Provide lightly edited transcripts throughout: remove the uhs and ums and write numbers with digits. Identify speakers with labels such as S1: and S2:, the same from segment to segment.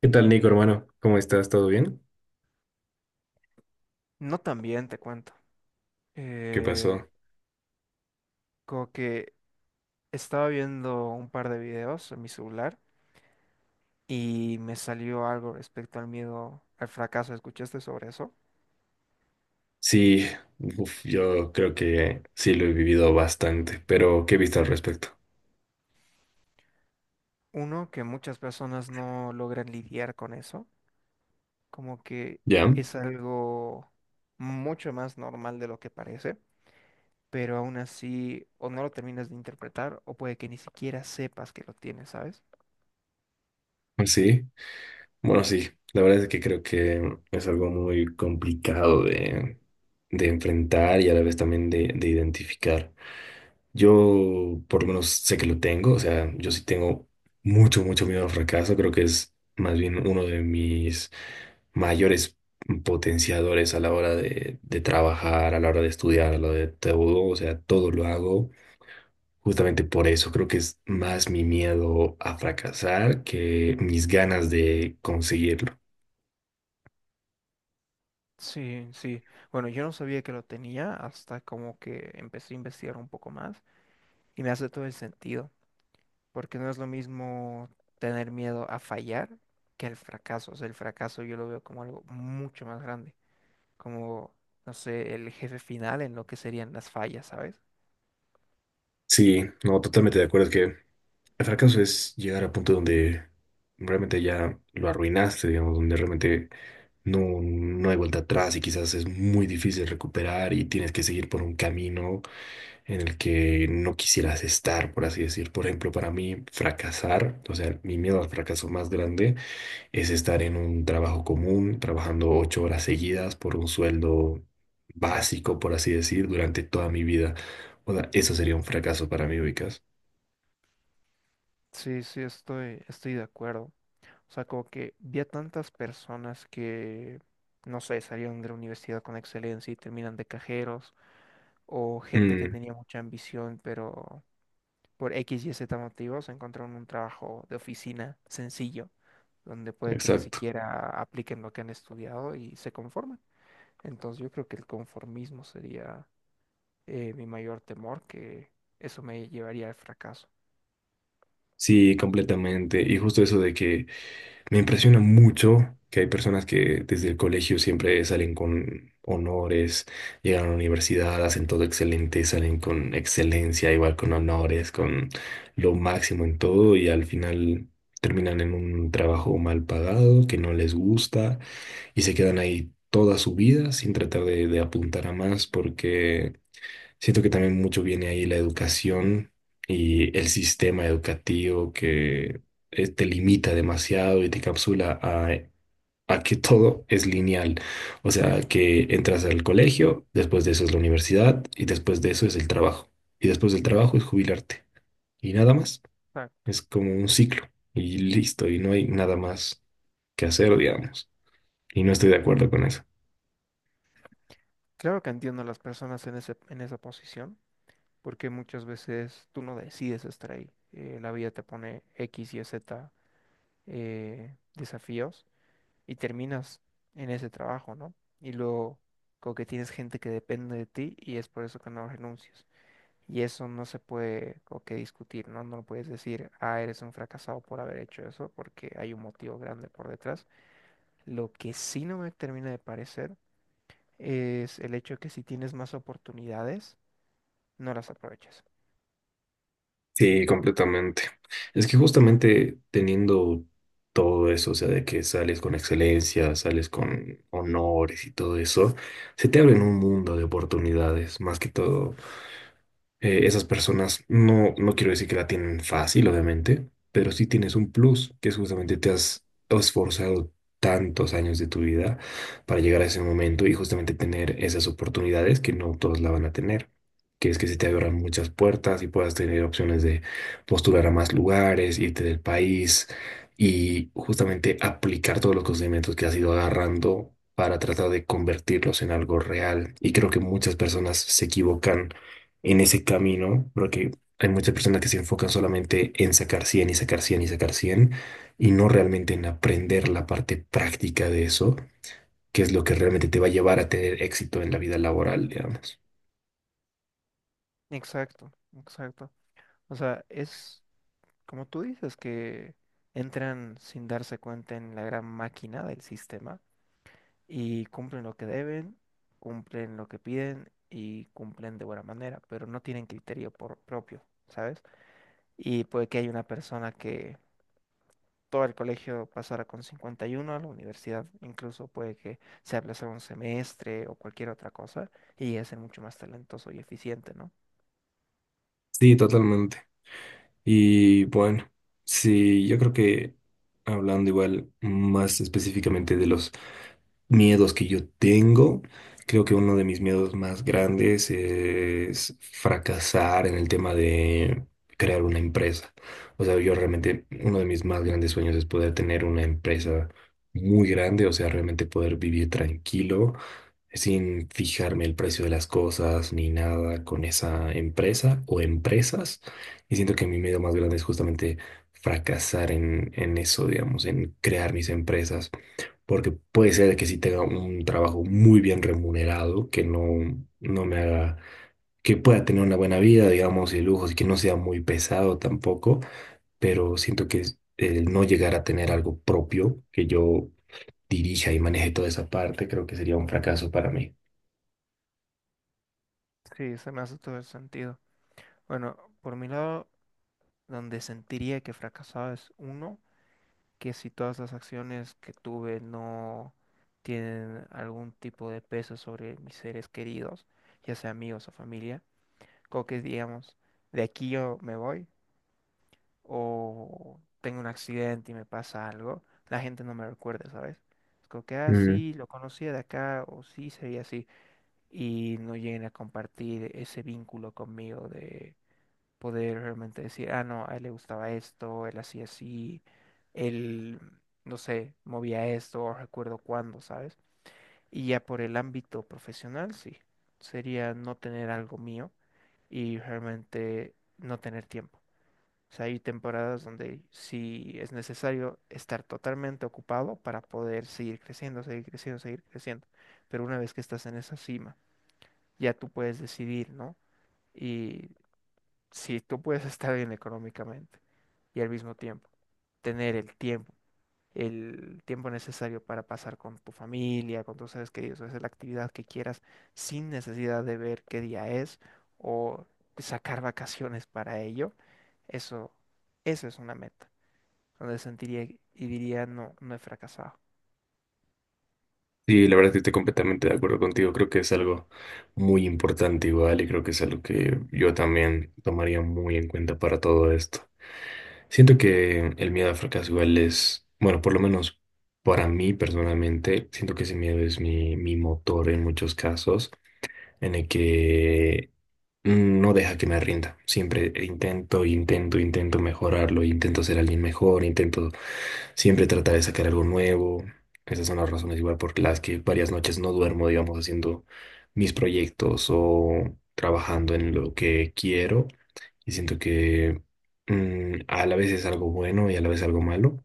S1: ¿Qué tal, Nico, hermano? ¿Cómo estás? ¿Todo bien?
S2: No, también te cuento.
S1: ¿Qué
S2: Eh,
S1: pasó?
S2: Como que estaba viendo un par de videos en mi celular y me salió algo respecto al miedo al fracaso. ¿Escuchaste sobre eso?
S1: Sí, uf, yo creo que sí lo he vivido bastante, pero ¿qué viste al respecto?
S2: Uno, que muchas personas no logran lidiar con eso, como que
S1: ¿Ya?
S2: es algo mucho más normal de lo que parece, pero aún así o no lo terminas de interpretar o puede que ni siquiera sepas que lo tienes, ¿sabes?
S1: Sí, bueno, sí, la verdad es que creo que es algo muy complicado de enfrentar y a la vez también de identificar. Yo por lo menos sé que lo tengo, o sea, yo sí tengo mucho, mucho miedo al fracaso, creo que es más bien uno de mis mayores potenciadores a la hora de trabajar, a la hora de estudiar, a la hora de todo, o sea, todo lo hago justamente por eso, creo que es más mi miedo a fracasar que mis ganas de conseguirlo.
S2: Sí, sí. Bueno, yo no sabía que lo tenía hasta como que empecé a investigar un poco más y me hace todo el sentido, porque no es lo mismo tener miedo a fallar que el fracaso. O sea, el fracaso yo lo veo como algo mucho más grande, como, no sé, el jefe final en lo que serían las fallas, ¿sabes?
S1: Sí, no, totalmente de acuerdo, es que el fracaso es llegar a punto donde realmente ya lo arruinaste, digamos, donde realmente no hay vuelta atrás y quizás es muy difícil recuperar y tienes que seguir por un camino en el que no quisieras estar, por así decir. Por ejemplo, para mí, fracasar, o sea, mi miedo al fracaso más grande es estar en un trabajo común, trabajando ocho horas seguidas por un sueldo
S2: Básico.
S1: básico, por así decir, durante toda mi vida. O sea, eso sería un fracaso para mí, ubicas.
S2: Sí, sí, estoy de acuerdo. O sea, como que vi a tantas personas que, no sé, salieron de la universidad con excelencia y terminan de cajeros o gente que
S1: Mm,
S2: tenía mucha ambición, pero por X y Z motivos encontraron un trabajo de oficina sencillo, donde puede que ni
S1: exacto.
S2: siquiera apliquen lo que han estudiado y se conforman. Entonces yo creo que el conformismo sería mi mayor temor, que eso me llevaría al fracaso.
S1: Sí, completamente. Y justo eso de que me impresiona mucho que hay personas que desde el colegio siempre salen con honores, llegan a la universidad, hacen todo excelente, salen con excelencia, igual con honores, con lo máximo en todo y al final terminan en un trabajo mal pagado que no les gusta y se quedan ahí toda su vida sin tratar de apuntar a más porque siento que también mucho viene ahí la educación y el sistema educativo que te limita demasiado y te capsula a que todo es lineal. O sea, que entras al colegio, después de eso es la universidad y después de eso es el trabajo. Y después del trabajo es jubilarte. Y nada más.
S2: Exacto.
S1: Es como un ciclo y listo. Y no hay nada más que hacer, digamos. Y no estoy de acuerdo con eso.
S2: Claro que entiendo a las personas en en esa posición, porque muchas veces tú no decides estar ahí. La vida te pone X y Z desafíos y terminas en ese trabajo, ¿no? Y luego como que tienes gente que depende de ti y es por eso que no renuncias. Y eso no se puede como que discutir, ¿no? No lo puedes decir, ah, eres un fracasado por haber hecho eso, porque hay un motivo grande por detrás. Lo que sí no me termina de parecer es el hecho que si tienes más oportunidades, no las aprovechas.
S1: Sí, completamente. Es que justamente teniendo todo eso, o sea, de que sales con excelencia, sales con honores y todo eso, se te abre un mundo de oportunidades, más que todo esas personas no quiero decir que la tienen fácil, obviamente, pero sí tienes un plus, que es justamente te has esforzado tantos años de tu vida para llegar a ese momento y justamente tener esas oportunidades que no todos la van a tener, que es que se te abran muchas puertas y puedas tener opciones de postular a más lugares, irte del país y justamente aplicar todos los conocimientos que has ido agarrando para tratar de convertirlos en algo real. Y creo que muchas personas se equivocan en ese camino, porque hay muchas personas que se enfocan solamente en sacar 100 y sacar 100 y sacar 100 y no realmente en aprender la parte práctica de eso, que es lo que realmente te va a llevar a tener éxito en la vida laboral, digamos.
S2: Exacto, exacto. O sea, es como tú dices que entran sin darse cuenta en la gran máquina del sistema y cumplen lo que deben, cumplen lo que piden y cumplen de buena manera, pero no tienen criterio por propio, ¿sabes? Y puede que haya una persona que todo el colegio pasara con 51 a la universidad, incluso puede que se aplazara un semestre o cualquier otra cosa y es mucho más talentoso y eficiente, ¿no?
S1: Sí, totalmente. Y bueno, sí, yo creo que hablando igual más específicamente de los miedos que yo tengo, creo que uno de mis miedos más grandes es fracasar en el tema de crear una empresa. O sea, yo realmente, uno de mis más grandes sueños es poder tener una empresa muy grande, o sea, realmente poder vivir tranquilo, sin fijarme el precio de las cosas ni nada con esa empresa o empresas. Y siento que mi miedo más grande es justamente fracasar en eso, digamos, en crear mis empresas porque puede ser que sí tenga un trabajo muy bien remunerado, que no, no me haga, que pueda tener una buena vida, digamos, y lujos, y que no sea muy pesado tampoco, pero siento que es- el no llegar a tener algo propio, que yo dirija y maneje toda esa parte, creo que sería un fracaso para mí.
S2: Sí, se me hace todo el sentido. Bueno, por mi lado, donde sentiría que fracasaba es uno. Que si todas las acciones que tuve no tienen algún tipo de peso sobre mis seres queridos, ya sea amigos o familia, como que digamos, de aquí yo me voy o tengo un accidente y me pasa algo, la gente no me recuerda, ¿sabes? Es como que, ah,
S1: Mm.
S2: sí, lo conocía de acá o sí, sería así, y no lleguen a compartir ese vínculo conmigo de poder realmente decir, ah, no, a él le gustaba esto, él hacía así, él, no sé, movía esto, o recuerdo cuándo, ¿sabes? Y ya por el ámbito profesional, sí, sería no tener algo mío y realmente no tener tiempo. O sea, hay temporadas donde sí es necesario estar totalmente ocupado para poder seguir creciendo, seguir creciendo, seguir creciendo. Pero una vez que estás en esa cima, ya tú puedes decidir, ¿no? Y si tú puedes estar bien económicamente y al mismo tiempo tener el tiempo necesario para pasar con tu familia, con tus seres queridos, hacer la actividad que quieras sin necesidad de ver qué día es o sacar vacaciones para ello, eso, eso es una meta, donde sentiría y diría no, no he fracasado.
S1: Sí, la verdad es que estoy completamente de acuerdo contigo. Creo que es algo muy importante igual y creo que es algo que yo también tomaría muy en cuenta para todo esto. Siento que el miedo al fracaso igual es, bueno, por lo menos para mí personalmente, siento que ese miedo es mi motor en muchos casos, en el que no deja que me rinda. Siempre intento, intento, intento mejorarlo, intento ser alguien mejor, intento siempre tratar de sacar algo nuevo. Esas son las razones igual por las que varias noches no duermo, digamos, haciendo mis proyectos o trabajando en lo que quiero. Y siento que a la vez es algo bueno y a la vez algo malo.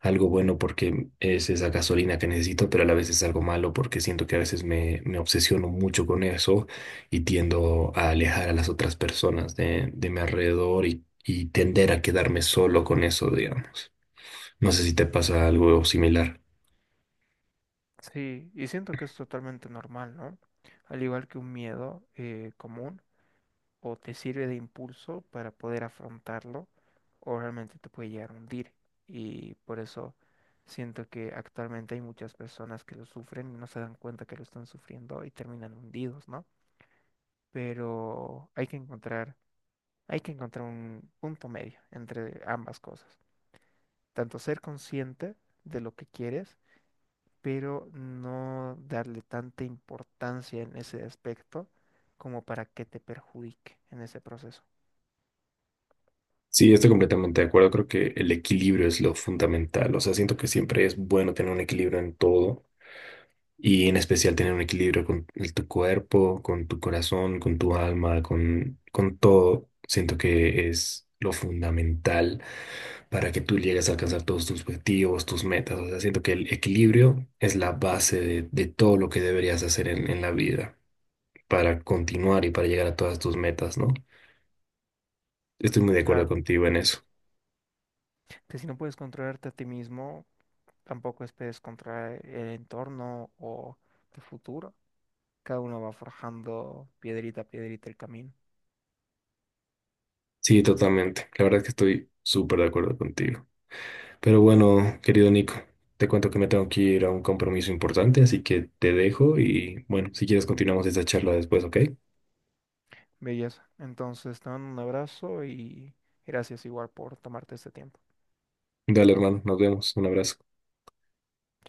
S1: Algo bueno porque es esa gasolina que necesito, pero a la vez es algo malo porque siento que a veces me obsesiono mucho con eso y tiendo a alejar a las otras personas de mi alrededor y tender a quedarme solo con eso, digamos. No sé si te pasa algo similar.
S2: Sí, y siento que es totalmente normal, ¿no? Al igual que un miedo común, o te sirve de impulso para poder afrontarlo o realmente te puede llegar a hundir. Y por eso siento que actualmente hay muchas personas que lo sufren y no se dan cuenta que lo están sufriendo y terminan hundidos, ¿no? Pero hay que encontrar un punto medio entre ambas cosas. Tanto ser consciente de lo que quieres, pero no darle tanta importancia en ese aspecto como para que te perjudique en ese proceso.
S1: Sí, estoy completamente de acuerdo. Creo que el equilibrio es lo fundamental. O sea, siento que siempre es bueno tener un equilibrio en todo y en especial tener un equilibrio con el- tu cuerpo, con tu corazón, con tu alma, con todo. Siento que es lo fundamental para que tú llegues a alcanzar todos tus objetivos, tus metas. O sea, siento que el equilibrio es la base de todo lo que deberías hacer en la vida para continuar y para llegar a todas tus metas, ¿no? Estoy muy de acuerdo
S2: Claro.
S1: contigo en eso.
S2: Que si no puedes controlarte a ti mismo, tampoco esperes controlar el entorno o tu futuro. Cada uno va forjando piedrita a piedrita el camino.
S1: Sí, totalmente. La verdad es que estoy súper de acuerdo contigo. Pero bueno, querido Nico, te cuento que me tengo que ir a un compromiso importante, así que te dejo y bueno, si quieres continuamos esta charla después, ¿ok?
S2: Belleza. Entonces, te mando un abrazo y gracias igual por tomarte este tiempo.
S1: Dale, hermano, nos vemos, un abrazo.
S2: Chao.